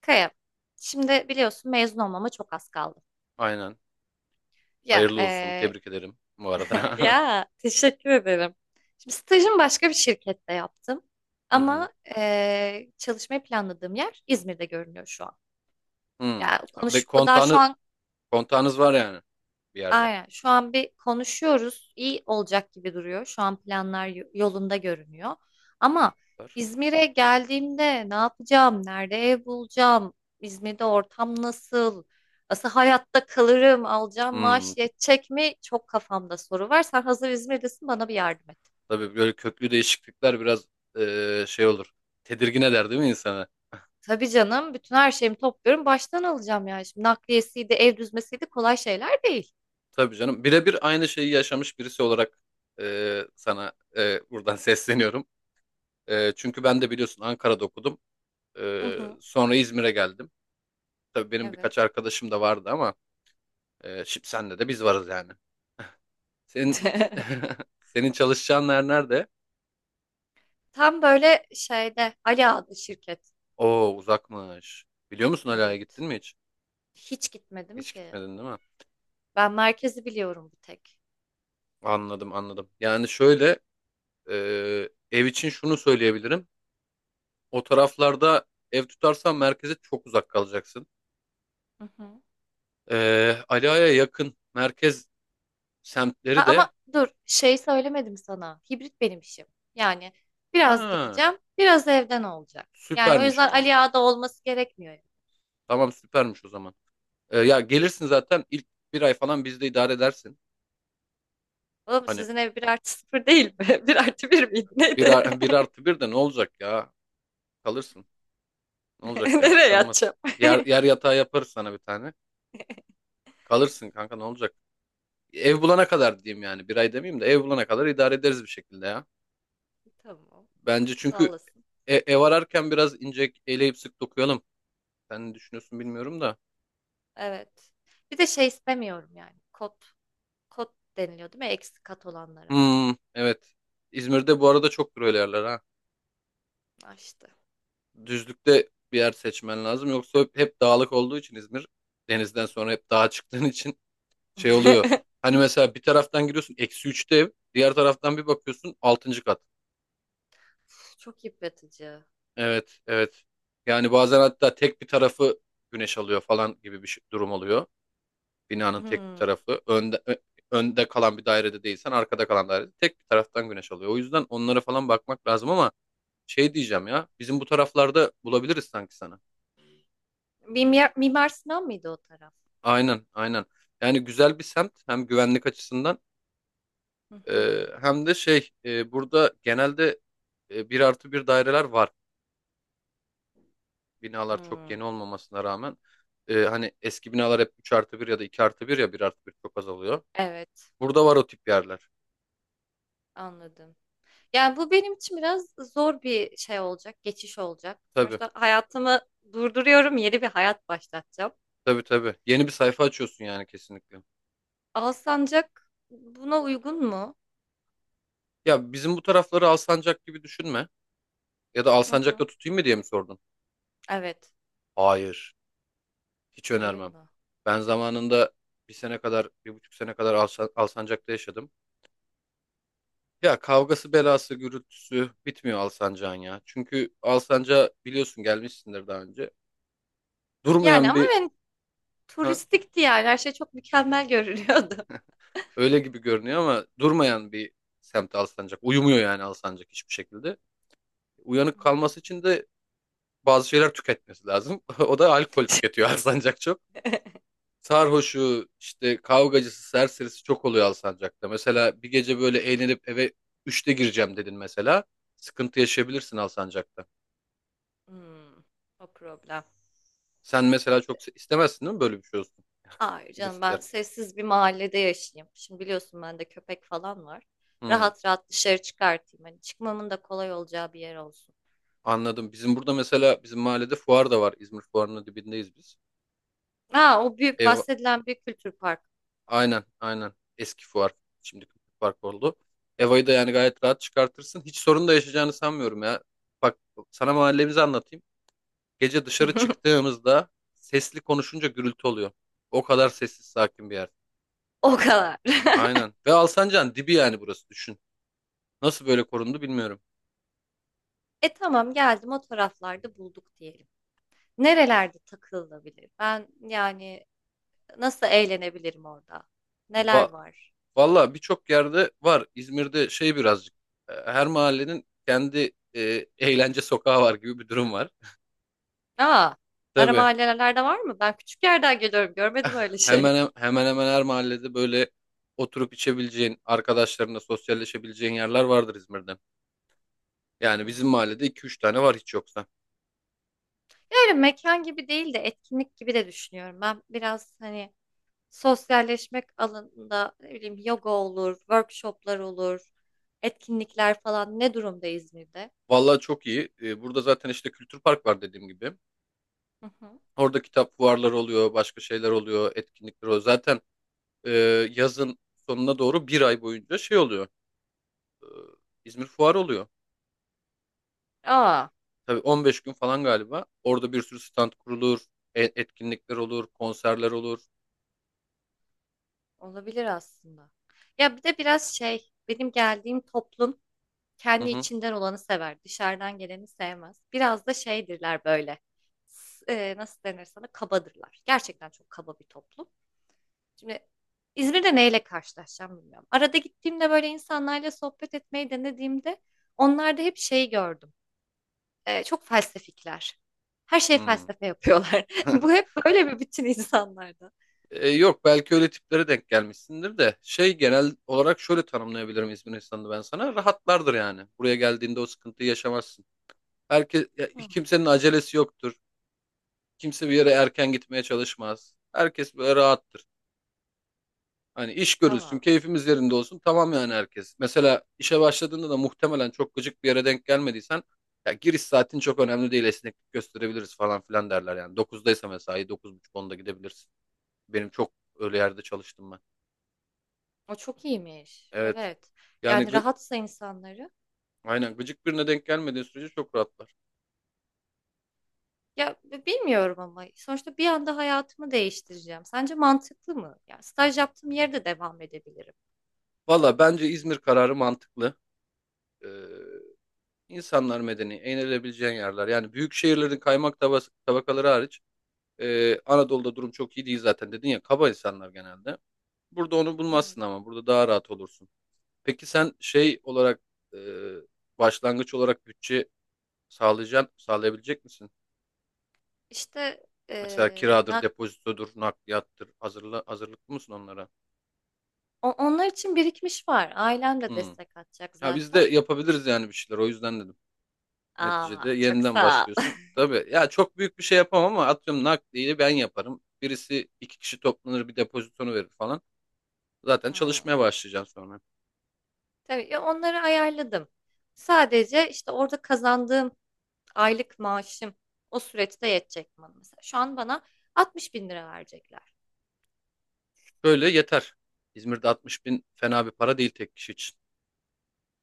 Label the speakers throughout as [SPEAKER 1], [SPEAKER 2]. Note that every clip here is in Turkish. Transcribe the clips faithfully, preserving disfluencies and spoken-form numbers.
[SPEAKER 1] Kaya, şimdi biliyorsun mezun olmama çok az kaldı.
[SPEAKER 2] Aynen.
[SPEAKER 1] Ya,
[SPEAKER 2] Hayırlı olsun.
[SPEAKER 1] eee,
[SPEAKER 2] Tebrik ederim bu arada.
[SPEAKER 1] ya teşekkür ederim. Şimdi stajımı başka bir şirkette yaptım.
[SPEAKER 2] Hı hı.
[SPEAKER 1] Ama eee çalışmayı planladığım yer İzmir'de görünüyor şu an.
[SPEAKER 2] Hı.
[SPEAKER 1] Ya
[SPEAKER 2] Ve
[SPEAKER 1] konuş daha şu
[SPEAKER 2] kontağını,
[SPEAKER 1] an
[SPEAKER 2] kontağınız var yani bir yerle.
[SPEAKER 1] aynen. Şu an bir konuşuyoruz. İyi olacak gibi duruyor. Şu an planlar y- yolunda görünüyor. Ama
[SPEAKER 2] Var.
[SPEAKER 1] İzmir'e geldiğimde ne yapacağım? Nerede ev bulacağım? İzmir'de ortam nasıl? Nasıl hayatta kalırım? Alacağım
[SPEAKER 2] Hmm.
[SPEAKER 1] maaş yetecek mi? Çok kafamda soru var. Sen hazır İzmir'desin bana bir yardım et.
[SPEAKER 2] Tabii böyle köklü değişiklikler biraz eee, şey olur. Tedirgin eder değil mi insanı?
[SPEAKER 1] Tabii canım. Bütün her şeyimi topluyorum. Baştan alacağım yani. Şimdi nakliyesiydi, ev düzmesiydi kolay şeyler değil.
[SPEAKER 2] Tabii canım. Birebir aynı şeyi yaşamış birisi olarak eee, sana eee, buradan sesleniyorum. Eee, çünkü ben de biliyorsun Ankara'da okudum.
[SPEAKER 1] Hı
[SPEAKER 2] Eee,
[SPEAKER 1] hı.
[SPEAKER 2] sonra İzmir'e geldim. Tabii benim
[SPEAKER 1] Evet.
[SPEAKER 2] birkaç arkadaşım da vardı ama eee şimdi senle de biz varız yani. Senin senin çalışacağın yer nerede?
[SPEAKER 1] Tam böyle şeyde Ali adlı şirket.
[SPEAKER 2] Oo, uzakmış. Biliyor musun, Ala'ya gittin
[SPEAKER 1] Evet.
[SPEAKER 2] mi hiç?
[SPEAKER 1] Hiç gitmedim
[SPEAKER 2] Hiç
[SPEAKER 1] ki.
[SPEAKER 2] gitmedin değil mi?
[SPEAKER 1] Ben merkezi biliyorum bir tek.
[SPEAKER 2] Anladım, anladım. Yani şöyle, e, ev için şunu söyleyebilirim. O taraflarda ev tutarsan merkeze çok uzak kalacaksın.
[SPEAKER 1] Hı hı.
[SPEAKER 2] E, Ala'ya yakın merkez
[SPEAKER 1] A-
[SPEAKER 2] semtleri de...
[SPEAKER 1] ama dur şey söylemedim sana. Hibrit benim işim. Yani biraz
[SPEAKER 2] Ha,
[SPEAKER 1] gideceğim, biraz evden olacak. Yani o
[SPEAKER 2] süpermiş o
[SPEAKER 1] yüzden
[SPEAKER 2] zaman.
[SPEAKER 1] Ali Ağa'da olması gerekmiyor.
[SPEAKER 2] Tamam, süpermiş o zaman. E, ya gelirsin zaten, ilk bir ay falan bizde idare edersin.
[SPEAKER 1] Oğlum
[SPEAKER 2] Hani
[SPEAKER 1] sizin ev bir artı sıfır değil mi? Bir artı bir miydi?
[SPEAKER 2] bir,
[SPEAKER 1] Neydi?
[SPEAKER 2] ar- bir artı bir de ne olacak ya? Kalırsın. Ne olacak yani, bir
[SPEAKER 1] Nereye
[SPEAKER 2] şey olmaz.
[SPEAKER 1] yatacağım?
[SPEAKER 2] Yer, yer yatağı yaparız sana bir tane. Kalırsın kanka, ne olacak? Ev bulana kadar diyeyim yani. Bir ay demeyeyim de, ev bulana kadar idare ederiz bir şekilde ya.
[SPEAKER 1] Tamam.
[SPEAKER 2] Bence
[SPEAKER 1] Sağ
[SPEAKER 2] çünkü
[SPEAKER 1] olasın.
[SPEAKER 2] e- ev ararken biraz ince eleyip sık dokuyalım. Sen ne düşünüyorsun bilmiyorum da.
[SPEAKER 1] Evet. Bir de şey istemiyorum yani. Kot. Kot deniliyor değil mi? Eksi kat olanlara.
[SPEAKER 2] Hmm, evet. İzmir'de bu arada çok öyle yerler ha.
[SPEAKER 1] Açtı.
[SPEAKER 2] Düzlükte bir yer seçmen lazım. Yoksa hep, hep dağlık olduğu için İzmir. Denizden sonra hep dağa çıktığın için şey oluyor. Hani mesela bir taraftan giriyorsun, eksi üçte ev. Diğer taraftan bir bakıyorsun altıncı kat.
[SPEAKER 1] Çok yıpratıcı.
[SPEAKER 2] Evet, evet. Yani bazen hatta tek bir tarafı güneş alıyor falan gibi bir şey- durum oluyor. Binanın tek bir
[SPEAKER 1] Hmm.
[SPEAKER 2] tarafı. Önde, ö- önde kalan bir dairede değilsen, arkada kalan dairede tek bir taraftan güneş alıyor. O yüzden onlara falan bakmak lazım ama şey diyeceğim ya: bizim bu taraflarda bulabiliriz sanki sana.
[SPEAKER 1] Mimyar Mimar Sinan mıydı o taraf?
[SPEAKER 2] Aynen, aynen. Yani güzel bir semt, hem güvenlik açısından,
[SPEAKER 1] Hı hı.
[SPEAKER 2] e, hem de şey, e, burada genelde e, bir artı bir daireler var. Binalar çok
[SPEAKER 1] Hımm.
[SPEAKER 2] yeni olmamasına rağmen, e, hani eski binalar hep üç artı bir ya da iki artı bir, ya bir artı bir çok azalıyor oluyor.
[SPEAKER 1] Evet,
[SPEAKER 2] Burada var o tip yerler.
[SPEAKER 1] anladım. Yani, bu benim için biraz zor bir şey olacak, geçiş olacak.
[SPEAKER 2] Tabii,
[SPEAKER 1] Sonuçta hayatımı durduruyorum, yeni bir hayat başlatacağım.
[SPEAKER 2] tabii, tabii. Yeni bir sayfa açıyorsun yani, kesinlikle.
[SPEAKER 1] Alsancak buna uygun mu?
[SPEAKER 2] Ya bizim bu tarafları Alsancak gibi düşünme. Ya da
[SPEAKER 1] Hı
[SPEAKER 2] Alsancak'ta
[SPEAKER 1] hı.
[SPEAKER 2] tutayım mı diye mi sordun?
[SPEAKER 1] Evet.
[SPEAKER 2] Hayır. Hiç
[SPEAKER 1] Hayır
[SPEAKER 2] önermem.
[SPEAKER 1] mı?
[SPEAKER 2] Ben zamanında bir sene kadar, bir buçuk sene kadar Alsa- Alsancak'ta yaşadım. Ya kavgası, belası, gürültüsü bitmiyor Alsancak'ın ya. Çünkü Alsancak, biliyorsun, gelmişsindir daha önce.
[SPEAKER 1] Yani
[SPEAKER 2] Durmayan
[SPEAKER 1] ama
[SPEAKER 2] bir
[SPEAKER 1] ben
[SPEAKER 2] Ha,
[SPEAKER 1] turistikti yani her şey çok mükemmel görünüyordu.
[SPEAKER 2] öyle gibi görünüyor ama durmayan bir semt Alsancak. Uyumuyor yani Alsancak hiçbir şekilde. Uyanık
[SPEAKER 1] Hmm.
[SPEAKER 2] kalması için de bazı şeyler tüketmesi lazım. O da alkol tüketiyor Alsancak, çok. Sarhoşu, işte kavgacısı, serserisi çok oluyor Alsancak'ta. Mesela bir gece böyle eğlenip eve üçte gireceğim dedin mesela. Sıkıntı yaşayabilirsin Alsancak'ta.
[SPEAKER 1] Hımm. O problem.
[SPEAKER 2] Sen mesela çok se- istemezsin değil mi böyle bir şey olsun?
[SPEAKER 1] Hayır
[SPEAKER 2] Kim
[SPEAKER 1] canım ben
[SPEAKER 2] ister?
[SPEAKER 1] sessiz bir mahallede yaşayayım. Şimdi biliyorsun bende köpek falan var.
[SPEAKER 2] Hmm,
[SPEAKER 1] Rahat rahat dışarı çıkartayım. Hani çıkmamın da kolay olacağı bir yer olsun.
[SPEAKER 2] anladım. Bizim burada mesela, bizim mahallede fuar da var. İzmir fuarının dibindeyiz biz.
[SPEAKER 1] Ha o büyük
[SPEAKER 2] Ev
[SPEAKER 1] bahsedilen büyük kültür parkı.
[SPEAKER 2] Aynen, aynen. Eski fuar. Şimdi fark oldu. Eva'yı da yani gayet rahat çıkartırsın. Hiç sorun da yaşayacağını sanmıyorum ya. Bak sana mahallemizi anlatayım. Gece dışarı çıktığımızda sesli konuşunca gürültü oluyor. O kadar sessiz sakin bir yer.
[SPEAKER 1] O kadar.
[SPEAKER 2] Aynen. Ve Alsancak'ın dibi yani, burası düşün. Nasıl böyle korundu bilmiyorum.
[SPEAKER 1] E tamam geldim o taraflarda bulduk diyelim. Nerelerde takılabilir? Ben yani nasıl eğlenebilirim orada? Neler
[SPEAKER 2] Va
[SPEAKER 1] var?
[SPEAKER 2] Valla birçok yerde var. İzmir'de şey birazcık. e, Her mahallenin kendi e, eğlence sokağı var gibi bir durum var.
[SPEAKER 1] Aa, ara
[SPEAKER 2] Tabii.
[SPEAKER 1] mahallelerde var mı? Ben küçük yerden geliyorum. Görmedim öyle şey.
[SPEAKER 2] Hemen hemen hemen her mahallede böyle oturup içebileceğin, arkadaşlarınla sosyalleşebileceğin yerler vardır İzmir'den. Yani bizim
[SPEAKER 1] Hmm.
[SPEAKER 2] mahallede iki üç tane var hiç yoksa.
[SPEAKER 1] Böyle mekan gibi değil de etkinlik gibi de düşünüyorum. Ben biraz hani sosyalleşmek alanında ne bileyim yoga olur, workshoplar olur, etkinlikler falan ne durumda İzmir'de?
[SPEAKER 2] Vallahi çok iyi. Ee, Burada zaten işte kültür park var dediğim gibi.
[SPEAKER 1] Hı hı.
[SPEAKER 2] Orada kitap fuarları oluyor, başka şeyler oluyor, etkinlikler oluyor. Zaten e, yazın sonuna doğru bir ay boyunca şey oluyor: İzmir fuarı oluyor.
[SPEAKER 1] Aa,
[SPEAKER 2] Tabii on beş gün falan galiba. Orada bir sürü stand kurulur, e- etkinlikler olur, konserler olur.
[SPEAKER 1] olabilir aslında. Ya bir de biraz şey, benim geldiğim toplum
[SPEAKER 2] Hı
[SPEAKER 1] kendi
[SPEAKER 2] hı.
[SPEAKER 1] içinden olanı sever, dışarıdan geleni sevmez. Biraz da şeydirler böyle. S- e, nasıl denir sana? Kabadırlar. Gerçekten çok kaba bir toplum. Şimdi İzmir'de neyle karşılaşacağım bilmiyorum. Arada gittiğimde böyle insanlarla sohbet etmeyi denediğimde onlarda hep şey gördüm. Ee, çok felsefikler. Her şey
[SPEAKER 2] Hı.
[SPEAKER 1] felsefe yapıyorlar. Bu hep böyle bir bütün insanlarda.
[SPEAKER 2] E, yok, belki öyle tiplere denk gelmişsindir de şey, genel olarak şöyle tanımlayabilirim İzmir insanını ben sana: rahatlardır yani, buraya geldiğinde o sıkıntıyı yaşamazsın. Herkes ya,
[SPEAKER 1] Hı.
[SPEAKER 2] kimsenin acelesi yoktur, kimse bir yere erken gitmeye çalışmaz, herkes böyle rahattır. Hani iş görülsün,
[SPEAKER 1] Aa,
[SPEAKER 2] keyfimiz yerinde olsun, tamam yani herkes. Mesela işe başladığında da, muhtemelen çok gıcık bir yere denk gelmediysen, ya giriş saatin çok önemli değil, esneklik gösterebiliriz falan filan derler yani. dokuzdaysa mesai, buçuk onda gidebilirsin. Benim çok öyle yerde çalıştım ben.
[SPEAKER 1] o çok iyiymiş.
[SPEAKER 2] Evet.
[SPEAKER 1] Evet.
[SPEAKER 2] Yani
[SPEAKER 1] Yani
[SPEAKER 2] gı-
[SPEAKER 1] rahatsa insanları.
[SPEAKER 2] aynen, gıcık birine denk gelmediği sürece çok rahatlar.
[SPEAKER 1] Ya b- bilmiyorum ama sonuçta bir anda hayatımı değiştireceğim. Sence mantıklı mı? Ya staj yaptığım yerde devam edebilirim.
[SPEAKER 2] Valla bence İzmir kararı mantıklı. Ee, insanlar medeni, eğlenebileceğin yerler. Yani büyük şehirlerin kaymak tabas- tabakaları hariç, e, Anadolu'da durum çok iyi değil zaten, dedin ya kaba insanlar genelde. Burada onu
[SPEAKER 1] Evet.
[SPEAKER 2] bulmazsın, ama burada daha rahat olursun. Peki sen şey olarak, e, başlangıç olarak bütçe sağlayacaksın, sağlayabilecek misin?
[SPEAKER 1] İşte
[SPEAKER 2] Mesela
[SPEAKER 1] eee,
[SPEAKER 2] kiradır,
[SPEAKER 1] ne
[SPEAKER 2] depozitodur, nakliyattır. Hazırla, hazırlıklı mısın onlara?
[SPEAKER 1] O- onlar için birikmiş var. Ailem de
[SPEAKER 2] Hmm.
[SPEAKER 1] destek atacak
[SPEAKER 2] Ya biz de
[SPEAKER 1] zaten.
[SPEAKER 2] yapabiliriz yani bir şeyler. O yüzden dedim. Neticede
[SPEAKER 1] Aa, çok
[SPEAKER 2] yeniden
[SPEAKER 1] sağ ol.
[SPEAKER 2] başlıyorsun. Tabii ya, çok büyük bir şey yapamam ama atıyorum nakliyi ben yaparım. Birisi, iki kişi toplanır bir depozitonu verir falan. Zaten
[SPEAKER 1] Hmm.
[SPEAKER 2] çalışmaya başlayacağım sonra.
[SPEAKER 1] Tabii ya onları ayarladım. Sadece işte orada kazandığım aylık maaşım o süreçte yetecek bana mesela. Şu an bana altmış bin lira verecekler.
[SPEAKER 2] Böyle yeter. İzmir'de altmış bin fena bir para değil tek kişi için.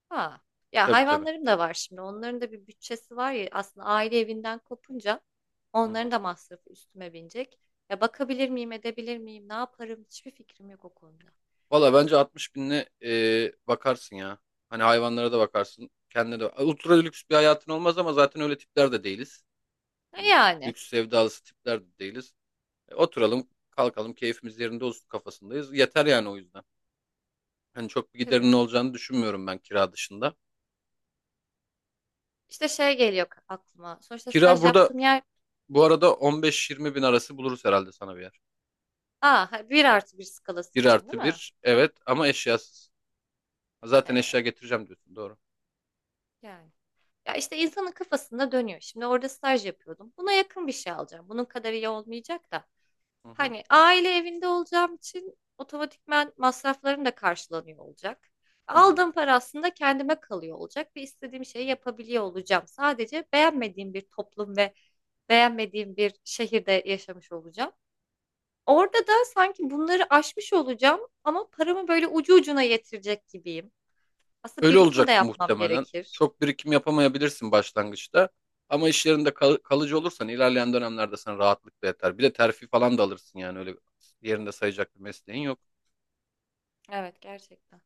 [SPEAKER 1] Ha. Ya
[SPEAKER 2] Tabii, tabii.
[SPEAKER 1] hayvanlarım da var şimdi. Onların da bir bütçesi var ya aslında aile evinden kopunca
[SPEAKER 2] Hı hı.
[SPEAKER 1] onların da masrafı üstüme binecek. Ya bakabilir miyim, edebilir miyim, ne yaparım hiçbir fikrim yok o konuda.
[SPEAKER 2] Valla bence altmış binle, e, bakarsın ya. Hani hayvanlara da bakarsın. Kendine de. Ultra lüks bir hayatın olmaz ama zaten öyle tipler de değiliz. Hani
[SPEAKER 1] Yani
[SPEAKER 2] lüks sevdalısı tipler de değiliz. E, Oturalım, kalkalım, keyfimiz yerinde olsun kafasındayız. Yeter yani, o yüzden. Hani çok bir
[SPEAKER 1] tabii.
[SPEAKER 2] giderinin olacağını düşünmüyorum ben, kira dışında.
[SPEAKER 1] İşte şey geliyor aklıma. Sonuçta
[SPEAKER 2] Kira
[SPEAKER 1] staj
[SPEAKER 2] burada
[SPEAKER 1] yaptığım yer
[SPEAKER 2] bu arada on beş yirmi bin arası buluruz herhalde sana bir yer.
[SPEAKER 1] aa, ha, bir artı bir skalası
[SPEAKER 2] Bir
[SPEAKER 1] için değil
[SPEAKER 2] artı
[SPEAKER 1] mi?
[SPEAKER 2] bir, evet, ama eşyasız.
[SPEAKER 1] He,
[SPEAKER 2] Zaten eşya getireceğim diyorsun, doğru.
[SPEAKER 1] yani. Ya işte insanın kafasında dönüyor. Şimdi orada staj yapıyordum. Buna yakın bir şey alacağım. Bunun kadar iyi olmayacak da.
[SPEAKER 2] Hı hı,
[SPEAKER 1] Hani aile evinde olacağım için otomatikman masraflarım da karşılanıyor olacak.
[SPEAKER 2] hı hı.
[SPEAKER 1] Aldığım para aslında kendime kalıyor olacak ve istediğim şeyi yapabiliyor olacağım. Sadece beğenmediğim bir toplum ve beğenmediğim bir şehirde yaşamış olacağım. Orada da sanki bunları aşmış olacağım ama paramı böyle ucu ucuna yetirecek gibiyim. Aslında
[SPEAKER 2] Öyle
[SPEAKER 1] birikim de
[SPEAKER 2] olacak
[SPEAKER 1] yapmam
[SPEAKER 2] muhtemelen.
[SPEAKER 1] gerekir.
[SPEAKER 2] Çok birikim yapamayabilirsin başlangıçta. Ama iş yerinde kal- kalıcı olursan ilerleyen dönemlerde sana rahatlıkla yeter. Bir de terfi falan da alırsın yani, öyle yerinde sayacak bir mesleğin yok.
[SPEAKER 1] Evet gerçekten.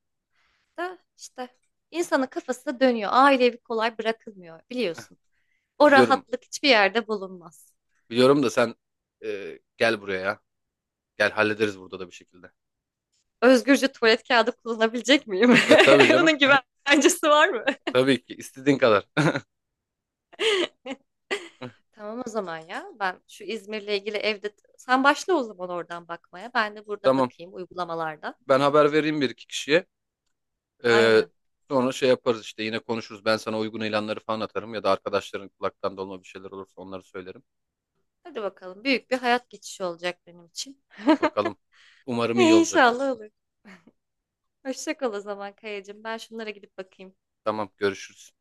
[SPEAKER 1] Da işte insanın kafası dönüyor. Ailevi kolay bırakılmıyor biliyorsun. O
[SPEAKER 2] Biliyorum,
[SPEAKER 1] rahatlık hiçbir yerde bulunmaz.
[SPEAKER 2] biliyorum da sen, e, gel buraya ya. Gel, hallederiz burada da bir şekilde.
[SPEAKER 1] Özgürce tuvalet kağıdı kullanabilecek miyim?
[SPEAKER 2] De tabii canım.
[SPEAKER 1] Onun güvencesi var mı?
[SPEAKER 2] Tabii ki, istediğin kadar.
[SPEAKER 1] Tamam o zaman ya. Ben şu İzmir'le ilgili evde sen başla o zaman oradan bakmaya. Ben de burada
[SPEAKER 2] Tamam.
[SPEAKER 1] bakayım uygulamalarda.
[SPEAKER 2] Ben haber vereyim bir iki kişiye. E,
[SPEAKER 1] Aynen.
[SPEAKER 2] Sonra şey yaparız işte, yine konuşuruz. Ben sana uygun ilanları falan atarım ya da arkadaşların kulaktan dolma bir şeyler olursa onları söylerim.
[SPEAKER 1] Hadi bakalım. Büyük bir hayat geçişi olacak benim için.
[SPEAKER 2] Bakalım. Umarım iyi olacak.
[SPEAKER 1] İnşallah olur. Hoşça kal o zaman Kayacığım. Ben şunlara gidip bakayım.
[SPEAKER 2] Tamam, görüşürüz.